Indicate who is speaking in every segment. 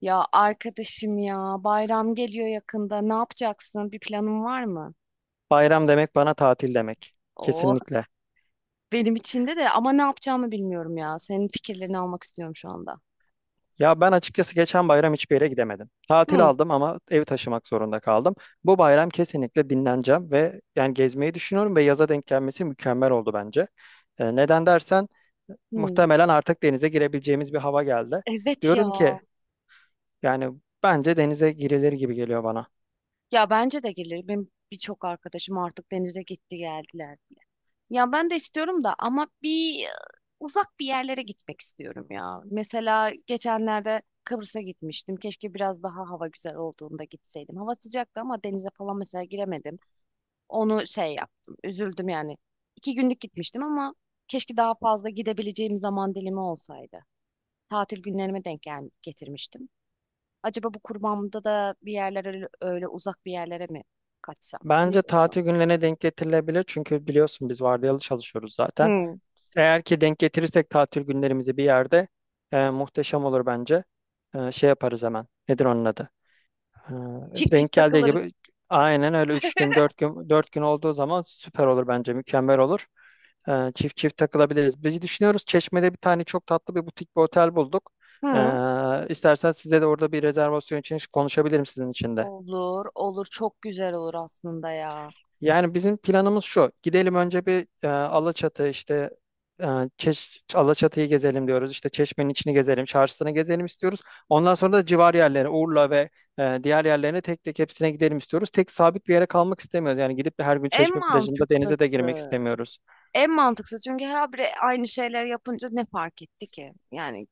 Speaker 1: Ya arkadaşım ya bayram geliyor yakında. Ne yapacaksın? Bir planın var mı?
Speaker 2: Bayram demek bana tatil demek.
Speaker 1: Oo,
Speaker 2: Kesinlikle.
Speaker 1: benim içinde de ama ne yapacağımı bilmiyorum ya. Senin fikirlerini almak istiyorum şu anda.
Speaker 2: Ya ben açıkçası geçen bayram hiçbir yere gidemedim. Tatil
Speaker 1: Hı.
Speaker 2: aldım ama evi taşımak zorunda kaldım. Bu bayram kesinlikle dinleneceğim ve yani gezmeyi düşünüyorum ve yaza denk gelmesi mükemmel oldu bence. Neden dersen
Speaker 1: Hmm,
Speaker 2: muhtemelen artık denize girebileceğimiz bir hava geldi.
Speaker 1: evet ya.
Speaker 2: Diyorum ki yani bence denize girilir gibi geliyor bana.
Speaker 1: Ya bence de gelir. Benim birçok arkadaşım artık denize gitti geldiler bile. Ya ben de istiyorum da ama uzak bir yerlere gitmek istiyorum ya. Mesela geçenlerde Kıbrıs'a gitmiştim. Keşke biraz daha hava güzel olduğunda gitseydim. Hava sıcaktı ama denize falan mesela giremedim. Onu şey yaptım. Üzüldüm yani. İki günlük gitmiştim ama keşke daha fazla gidebileceğim zaman dilimi olsaydı. Tatil günlerime denk gel getirmiştim. Acaba bu kurbanımda da bir yerlere öyle, öyle uzak bir yerlere mi kaçsam? Ne
Speaker 2: Bence
Speaker 1: diyorsun?
Speaker 2: tatil günlerine denk getirilebilir çünkü biliyorsun biz vardiyalı çalışıyoruz zaten.
Speaker 1: Hmm.
Speaker 2: Eğer ki denk getirirsek tatil günlerimizi bir yerde muhteşem olur bence. Şey yaparız hemen. Nedir onun adı? E,
Speaker 1: Çift
Speaker 2: Denk
Speaker 1: çift
Speaker 2: geldiği
Speaker 1: takılırız.
Speaker 2: gibi aynen öyle 3 gün 4 gün 4 gün olduğu zaman süper olur bence. Mükemmel olur. Çift çift takılabiliriz. Biz düşünüyoruz Çeşme'de bir tane çok tatlı bir butik bir otel bulduk. E,
Speaker 1: Hı.
Speaker 2: istersen size de orada bir rezervasyon için konuşabilirim sizin için de.
Speaker 1: Olur, olur. Çok güzel olur aslında ya.
Speaker 2: Yani bizim planımız şu. Gidelim önce bir Alaçatı işte, e, Alaçatı'yı gezelim diyoruz. İşte Çeşme'nin içini gezelim, çarşısını gezelim istiyoruz. Ondan sonra da civar yerlere, Urla ve diğer yerlerine tek tek hepsine gidelim istiyoruz. Tek sabit bir yere kalmak istemiyoruz. Yani gidip de her gün
Speaker 1: En
Speaker 2: Çeşme plajında denize de girmek
Speaker 1: mantıklısı.
Speaker 2: istemiyoruz.
Speaker 1: En mantıklısı çünkü her biri aynı şeyler yapınca ne fark etti ki? Yani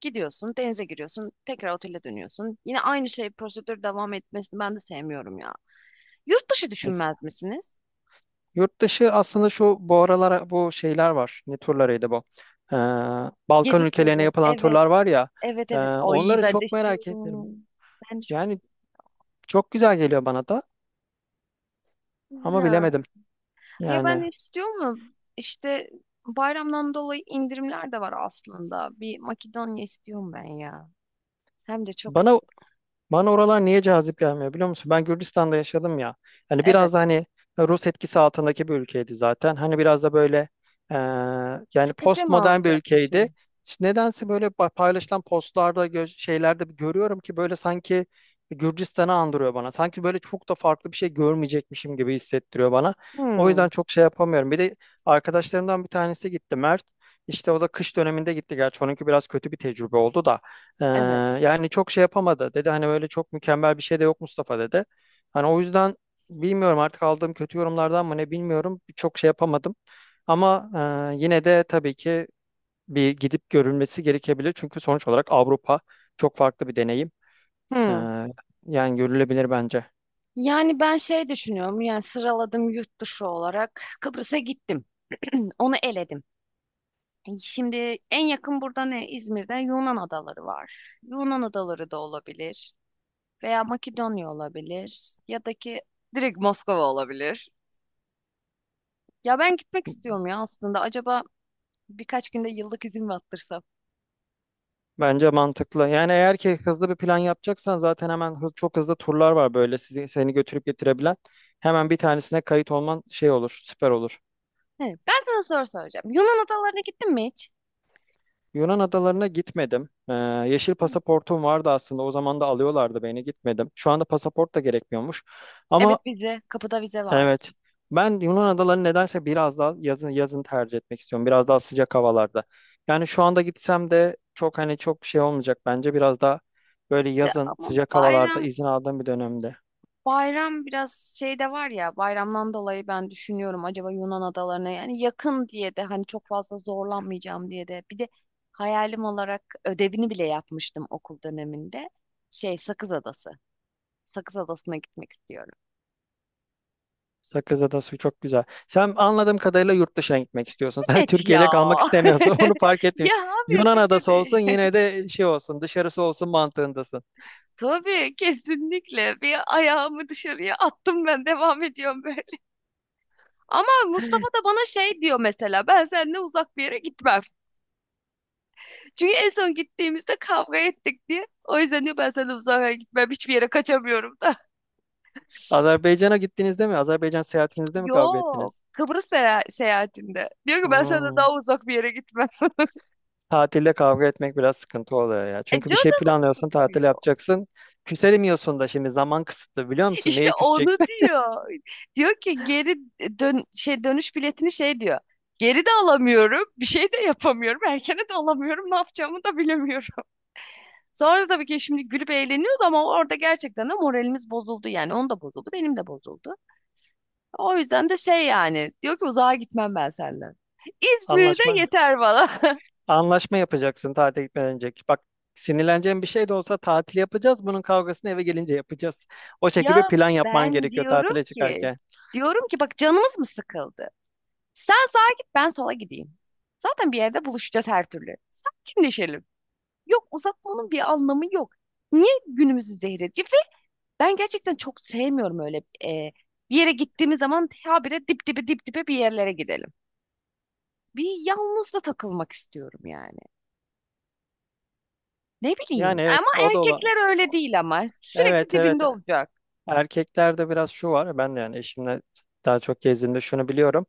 Speaker 1: gidiyorsun, denize giriyorsun, tekrar otele dönüyorsun. Yine aynı şey prosedür devam etmesini ben de sevmiyorum ya. Yurt dışı düşünmez misiniz?
Speaker 2: Yurt dışı aslında şu bu aralara bu şeyler var. Ne turlarıydı bu? Ee, Balkan
Speaker 1: Gezi
Speaker 2: ülkelerine
Speaker 1: turları.
Speaker 2: yapılan
Speaker 1: Evet,
Speaker 2: turlar var ya.
Speaker 1: evet, evet. Ay
Speaker 2: Onları
Speaker 1: ben de
Speaker 2: çok merak ederim.
Speaker 1: istiyorum. Ben de çok
Speaker 2: Yani çok güzel geliyor bana da
Speaker 1: istiyorum.
Speaker 2: ama
Speaker 1: Ha.
Speaker 2: bilemedim.
Speaker 1: Ya ben
Speaker 2: Yani
Speaker 1: de istiyor mu? İşte bayramdan dolayı indirimler de var aslında. Bir Makedonya istiyorum ben ya. Hem de çok
Speaker 2: bana
Speaker 1: istiyorum.
Speaker 2: Bana oralar niye cazip gelmiyor biliyor musun? Ben Gürcistan'da yaşadım ya. Hani
Speaker 1: Evet.
Speaker 2: biraz da hani Rus etkisi altındaki bir ülkeydi zaten. Hani biraz da böyle e, yani
Speaker 1: Sıkıcı mı
Speaker 2: postmodern bir
Speaker 1: olacak
Speaker 2: ülkeydi.
Speaker 1: düşün?
Speaker 2: İşte nedense böyle paylaşılan postlarda şeylerde bir görüyorum ki böyle sanki Gürcistan'ı andırıyor bana. Sanki böyle çok da farklı bir şey görmeyecekmişim gibi hissettiriyor bana. O yüzden
Speaker 1: Hmm,
Speaker 2: çok şey yapamıyorum. Bir de arkadaşlarımdan bir tanesi gitti Mert. İşte o da kış döneminde gitti. Gerçi onunki biraz kötü bir tecrübe oldu da. Ee,
Speaker 1: evet.
Speaker 2: Yani çok şey yapamadı dedi. Hani böyle çok mükemmel bir şey de yok Mustafa dedi. Hani o yüzden bilmiyorum artık aldığım kötü yorumlardan mı ne bilmiyorum. Çok şey yapamadım. Ama yine de tabii ki bir gidip görülmesi gerekebilir. Çünkü sonuç olarak Avrupa çok farklı bir deneyim. Ee,
Speaker 1: Hmm.
Speaker 2: Yani görülebilir bence.
Speaker 1: Yani ben şey düşünüyorum yani sıraladım yurt dışı olarak Kıbrıs'a gittim. Onu eledim. E, şimdi en yakın burada ne? İzmir'de Yunan adaları var. Yunan adaları da olabilir veya Makedonya olabilir ya da ki direkt Moskova olabilir. Ya ben gitmek istiyorum ya aslında. Acaba birkaç günde yıllık izin mi attırsam?
Speaker 2: Bence mantıklı. Yani eğer ki hızlı bir plan yapacaksan zaten hemen çok hızlı turlar var böyle seni götürüp getirebilen. Hemen bir tanesine kayıt olman şey olur, süper olur.
Speaker 1: He, ben sana soru soracağım. Yunan adalarına gittin mi hiç?
Speaker 2: Yunan adalarına gitmedim. Yeşil pasaportum vardı aslında. O zaman da alıyorlardı beni. Gitmedim. Şu anda pasaport da gerekmiyormuş.
Speaker 1: Evet
Speaker 2: Ama
Speaker 1: vize, kapıda vize var.
Speaker 2: evet. Ben Yunan adalarını nedense biraz daha yazın tercih etmek istiyorum. Biraz daha sıcak havalarda. Yani şu anda gitsem de çok hani çok şey olmayacak bence. Biraz daha böyle
Speaker 1: Ya
Speaker 2: yazın
Speaker 1: ama
Speaker 2: sıcak havalarda
Speaker 1: bayram
Speaker 2: izin aldığım bir dönemde.
Speaker 1: bayram biraz şey de var ya bayramdan dolayı ben düşünüyorum acaba Yunan adalarına yani yakın diye de hani çok fazla zorlanmayacağım diye de bir de hayalim olarak ödevini bile yapmıştım okul döneminde şey Sakız Adası. Sakız Adası'na gitmek istiyorum.
Speaker 2: Sakız Sakızada su çok güzel. Sen anladığım kadarıyla yurt dışına gitmek istiyorsun. Sen
Speaker 1: Evet
Speaker 2: Türkiye'de
Speaker 1: ya.
Speaker 2: kalmak istemiyorsun. Onu fark
Speaker 1: Ya
Speaker 2: etmiyorum.
Speaker 1: abi
Speaker 2: Yunan adası
Speaker 1: Türkiye'de.
Speaker 2: olsun yine de şey olsun dışarısı olsun mantığındasın.
Speaker 1: Tabii kesinlikle bir ayağımı dışarıya attım ben devam ediyorum böyle. Ama Mustafa da bana şey diyor mesela ben seninle uzak bir yere gitmem. Çünkü en son gittiğimizde kavga ettik diye. O yüzden diyor ben senden uzağa gitmem. Hiçbir yere kaçamıyorum da.
Speaker 2: Azerbaycan'a gittiğinizde mi? Azerbaycan seyahatinizde mi kavga
Speaker 1: Yok.
Speaker 2: ettiniz?
Speaker 1: Kıbrıs seyah- seyahatinde. Diyor ki ben senden
Speaker 2: Hmm.
Speaker 1: daha uzak bir yere gitmem.
Speaker 2: Tatilde kavga etmek biraz sıkıntı oluyor ya.
Speaker 1: E,
Speaker 2: Çünkü bir şey
Speaker 1: canım
Speaker 2: planlıyorsun, tatil
Speaker 1: diyor.
Speaker 2: yapacaksın. Küselemiyorsun da şimdi zaman kısıtlı biliyor musun?
Speaker 1: İşte
Speaker 2: Neye
Speaker 1: onu
Speaker 2: küseceksin?
Speaker 1: diyor. Diyor ki geri dön şey dönüş biletini şey diyor. Geri de alamıyorum. Bir şey de yapamıyorum. Erkene de alamıyorum. Ne yapacağımı da bilemiyorum. Sonra da tabii ki şimdi gülüp eğleniyoruz ama orada gerçekten de moralimiz bozuldu. Yani onun da bozuldu. Benim de bozuldu. O yüzden de şey yani diyor ki uzağa gitmem ben senden. İzmir'de
Speaker 2: Anlaşma.
Speaker 1: yeter bana.
Speaker 2: Anlaşma yapacaksın tatile gitmeden önce. Bak sinirleneceğin bir şey de olsa tatil yapacağız. Bunun kavgasını eve gelince yapacağız. O şekilde bir
Speaker 1: Ya
Speaker 2: plan yapman
Speaker 1: ben
Speaker 2: gerekiyor
Speaker 1: diyorum
Speaker 2: tatile
Speaker 1: ki
Speaker 2: çıkarken.
Speaker 1: diyorum ki bak canımız mı sıkıldı? Sen sağa git ben sola gideyim. Zaten bir yerde buluşacağız her türlü. Sakinleşelim. Yok uzatmanın bir anlamı yok. Niye günümüzü zehir ediyor? Ve ben gerçekten çok sevmiyorum öyle e, bir yere gittiğimiz zaman habire dip dibe dip dibe bir yerlere gidelim. Bir yalnız da takılmak istiyorum yani. Ne bileyim.
Speaker 2: Yani evet
Speaker 1: Ama
Speaker 2: o da ola.
Speaker 1: erkekler öyle değil ama. Sürekli
Speaker 2: Evet, evet.
Speaker 1: dibinde olacak.
Speaker 2: Erkeklerde biraz şu var. Ben de yani eşimle daha çok gezdiğimde şunu biliyorum.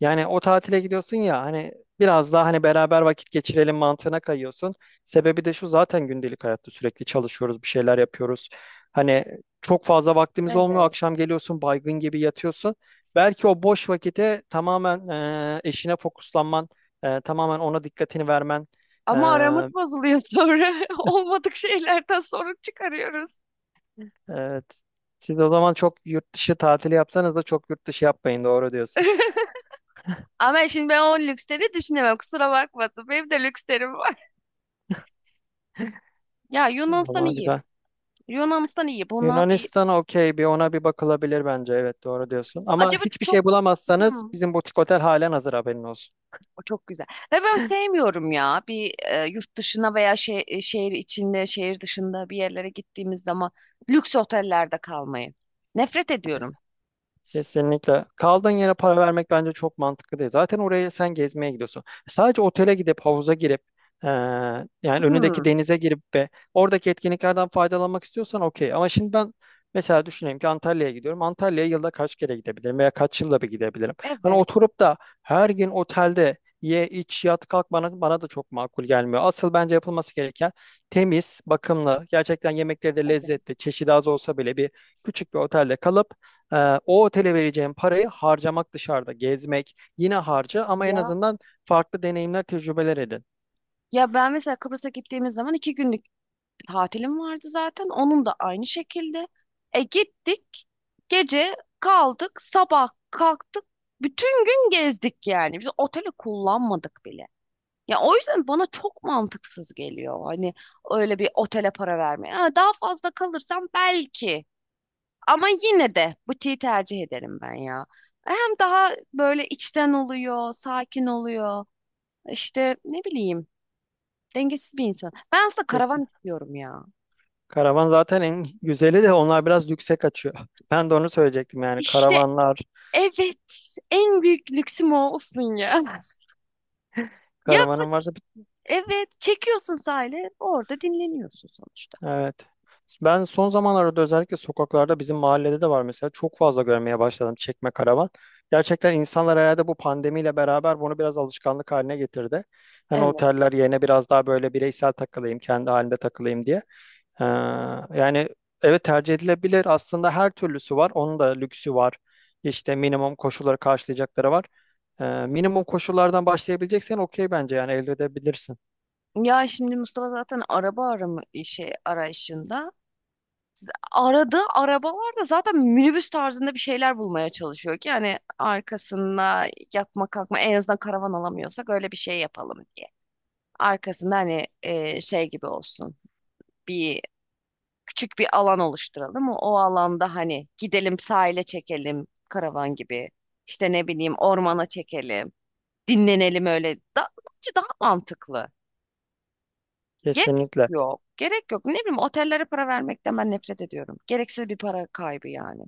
Speaker 2: Yani o tatile gidiyorsun ya hani biraz daha hani beraber vakit geçirelim mantığına kayıyorsun. Sebebi de şu zaten gündelik hayatta sürekli çalışıyoruz, bir şeyler yapıyoruz. Hani çok fazla vaktimiz olmuyor.
Speaker 1: Evet.
Speaker 2: Akşam geliyorsun baygın gibi yatıyorsun. Belki o boş vakite tamamen eşine fokuslanman, tamamen ona dikkatini vermen. e,
Speaker 1: Ama aramız bozuluyor sonra. Olmadık şeylerden sorun çıkarıyoruz.
Speaker 2: evet. Siz o zaman çok yurt dışı tatili yapsanız da çok yurt dışı yapmayın doğru diyorsun.
Speaker 1: Ama şimdi ben o lüksleri düşünemem. Kusura bakmasın. Benim de lükslerim var. Ya
Speaker 2: O
Speaker 1: Yunanistan
Speaker 2: zaman
Speaker 1: iyi.
Speaker 2: güzel.
Speaker 1: Yunanistan iyi. Buna bir
Speaker 2: Yunanistan okey bir ona bir bakılabilir bence. Evet doğru diyorsun. Ama
Speaker 1: acaba
Speaker 2: hiçbir
Speaker 1: çok
Speaker 2: şey bulamazsanız
Speaker 1: Hmm.
Speaker 2: bizim butik otel halen hazır haberin olsun.
Speaker 1: O çok güzel. Ve ben sevmiyorum ya yurt dışına veya şehir içinde, şehir dışında bir yerlere gittiğimiz zaman lüks otellerde kalmayı. Nefret ediyorum.
Speaker 2: Kesinlikle. Kaldığın yere para vermek bence çok mantıklı değil. Zaten oraya sen gezmeye gidiyorsun. Sadece otele gidip havuza girip eee, yani önündeki
Speaker 1: Hmm,
Speaker 2: denize girip ve oradaki etkinliklerden faydalanmak istiyorsan okey. Ama şimdi ben mesela düşüneyim ki Antalya'ya gidiyorum. Antalya'ya yılda kaç kere gidebilirim veya kaç yılda bir gidebilirim. Hani
Speaker 1: evet.
Speaker 2: oturup da her gün otelde ye, iç, yat, kalk bana da çok makul gelmiyor. Asıl bence yapılması gereken temiz, bakımlı, gerçekten yemekleri de
Speaker 1: Evet.
Speaker 2: lezzetli, çeşidi az olsa bile küçük bir otelde kalıp o otele vereceğim parayı harcamak dışarıda, gezmek yine harca ama en
Speaker 1: Ya
Speaker 2: azından farklı deneyimler, tecrübeler edin.
Speaker 1: ya, ben mesela Kıbrıs'a gittiğimiz zaman iki günlük tatilim vardı zaten. Onun da aynı şekilde. E gittik. Gece kaldık. Sabah kalktık. Bütün gün gezdik yani. Biz oteli kullanmadık bile. Ya o yüzden bana çok mantıksız geliyor. Hani öyle bir otele para vermeye. Ha, daha fazla kalırsam belki. Ama yine de butiği tercih ederim ben ya. Hem daha böyle içten oluyor, sakin oluyor. İşte ne bileyim. Dengesiz bir insan. Ben aslında
Speaker 2: Kesin.
Speaker 1: karavan istiyorum ya.
Speaker 2: Karavan zaten en güzeli de onlar biraz lükse kaçıyor. Ben de onu söyleyecektim yani
Speaker 1: İşte
Speaker 2: karavanlar,
Speaker 1: evet. En büyük lüksüm o olsun ya. Ya
Speaker 2: karavanın
Speaker 1: bu-
Speaker 2: varsa.
Speaker 1: evet. Çekiyorsun sahile. Orada dinleniyorsun sonuçta.
Speaker 2: Evet. Ben son zamanlarda özellikle sokaklarda bizim mahallede de var mesela çok fazla görmeye başladım çekme karavan. Gerçekten insanlar herhalde bu pandemiyle beraber bunu biraz alışkanlık haline getirdi. Hani
Speaker 1: Evet.
Speaker 2: oteller yerine biraz daha böyle bireysel takılayım, kendi halinde takılayım diye. Ee, Yani evet tercih edilebilir. Aslında her türlüsü var. Onun da lüksü var. İşte minimum koşulları karşılayacakları var. Minimum koşullardan başlayabileceksen okey bence yani elde edebilirsin.
Speaker 1: Ya şimdi Mustafa zaten araba arama şey arayışında. Aradığı arabalarda zaten minibüs tarzında bir şeyler bulmaya çalışıyor ki yani arkasına yatma kalkma en azından karavan alamıyorsak öyle bir şey yapalım diye. Arkasında hani şey gibi olsun bir küçük bir alan oluşturalım o, o alanda hani gidelim sahile çekelim karavan gibi işte ne bileyim ormana çekelim dinlenelim öyle da, bence daha mantıklı. Gerek
Speaker 2: Kesinlikle.
Speaker 1: yok. Gerek yok. Ne bileyim otellere para vermekten ben nefret ediyorum. Gereksiz bir para kaybı yani.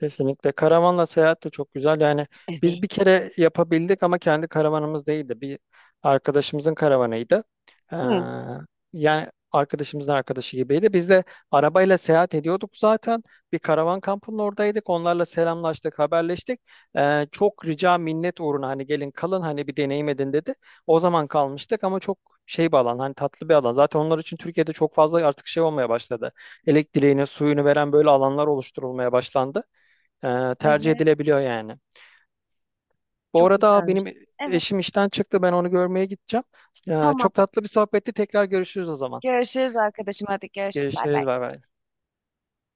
Speaker 2: Kesinlikle. Karavanla seyahat de çok güzel. Yani biz
Speaker 1: Evet.
Speaker 2: bir kere yapabildik ama kendi karavanımız değildi. Bir arkadaşımızın karavanıydı. Ee,
Speaker 1: Hı.
Speaker 2: Yani arkadaşımızın arkadaşı gibiydi. Biz de arabayla seyahat ediyorduk zaten. Bir karavan kampının oradaydık. Onlarla selamlaştık, haberleştik. Çok rica minnet uğruna hani gelin kalın hani bir deneyim edin dedi. O zaman kalmıştık ama çok şey bir alan hani tatlı bir alan. Zaten onlar için Türkiye'de çok fazla artık şey olmaya başladı. Elektriğini, suyunu veren böyle alanlar oluşturulmaya başlandı. Tercih
Speaker 1: Evet.
Speaker 2: edilebiliyor yani. Bu
Speaker 1: Çok
Speaker 2: arada
Speaker 1: güzelmiş.
Speaker 2: benim
Speaker 1: Evet.
Speaker 2: eşim işten çıktı. Ben onu görmeye gideceğim.
Speaker 1: Tamam.
Speaker 2: Çok tatlı bir sohbetti. Tekrar görüşürüz o zaman.
Speaker 1: Görüşürüz arkadaşım. Hadi görüşürüz. Bay bay.
Speaker 2: Görüşürüz. Bay bay.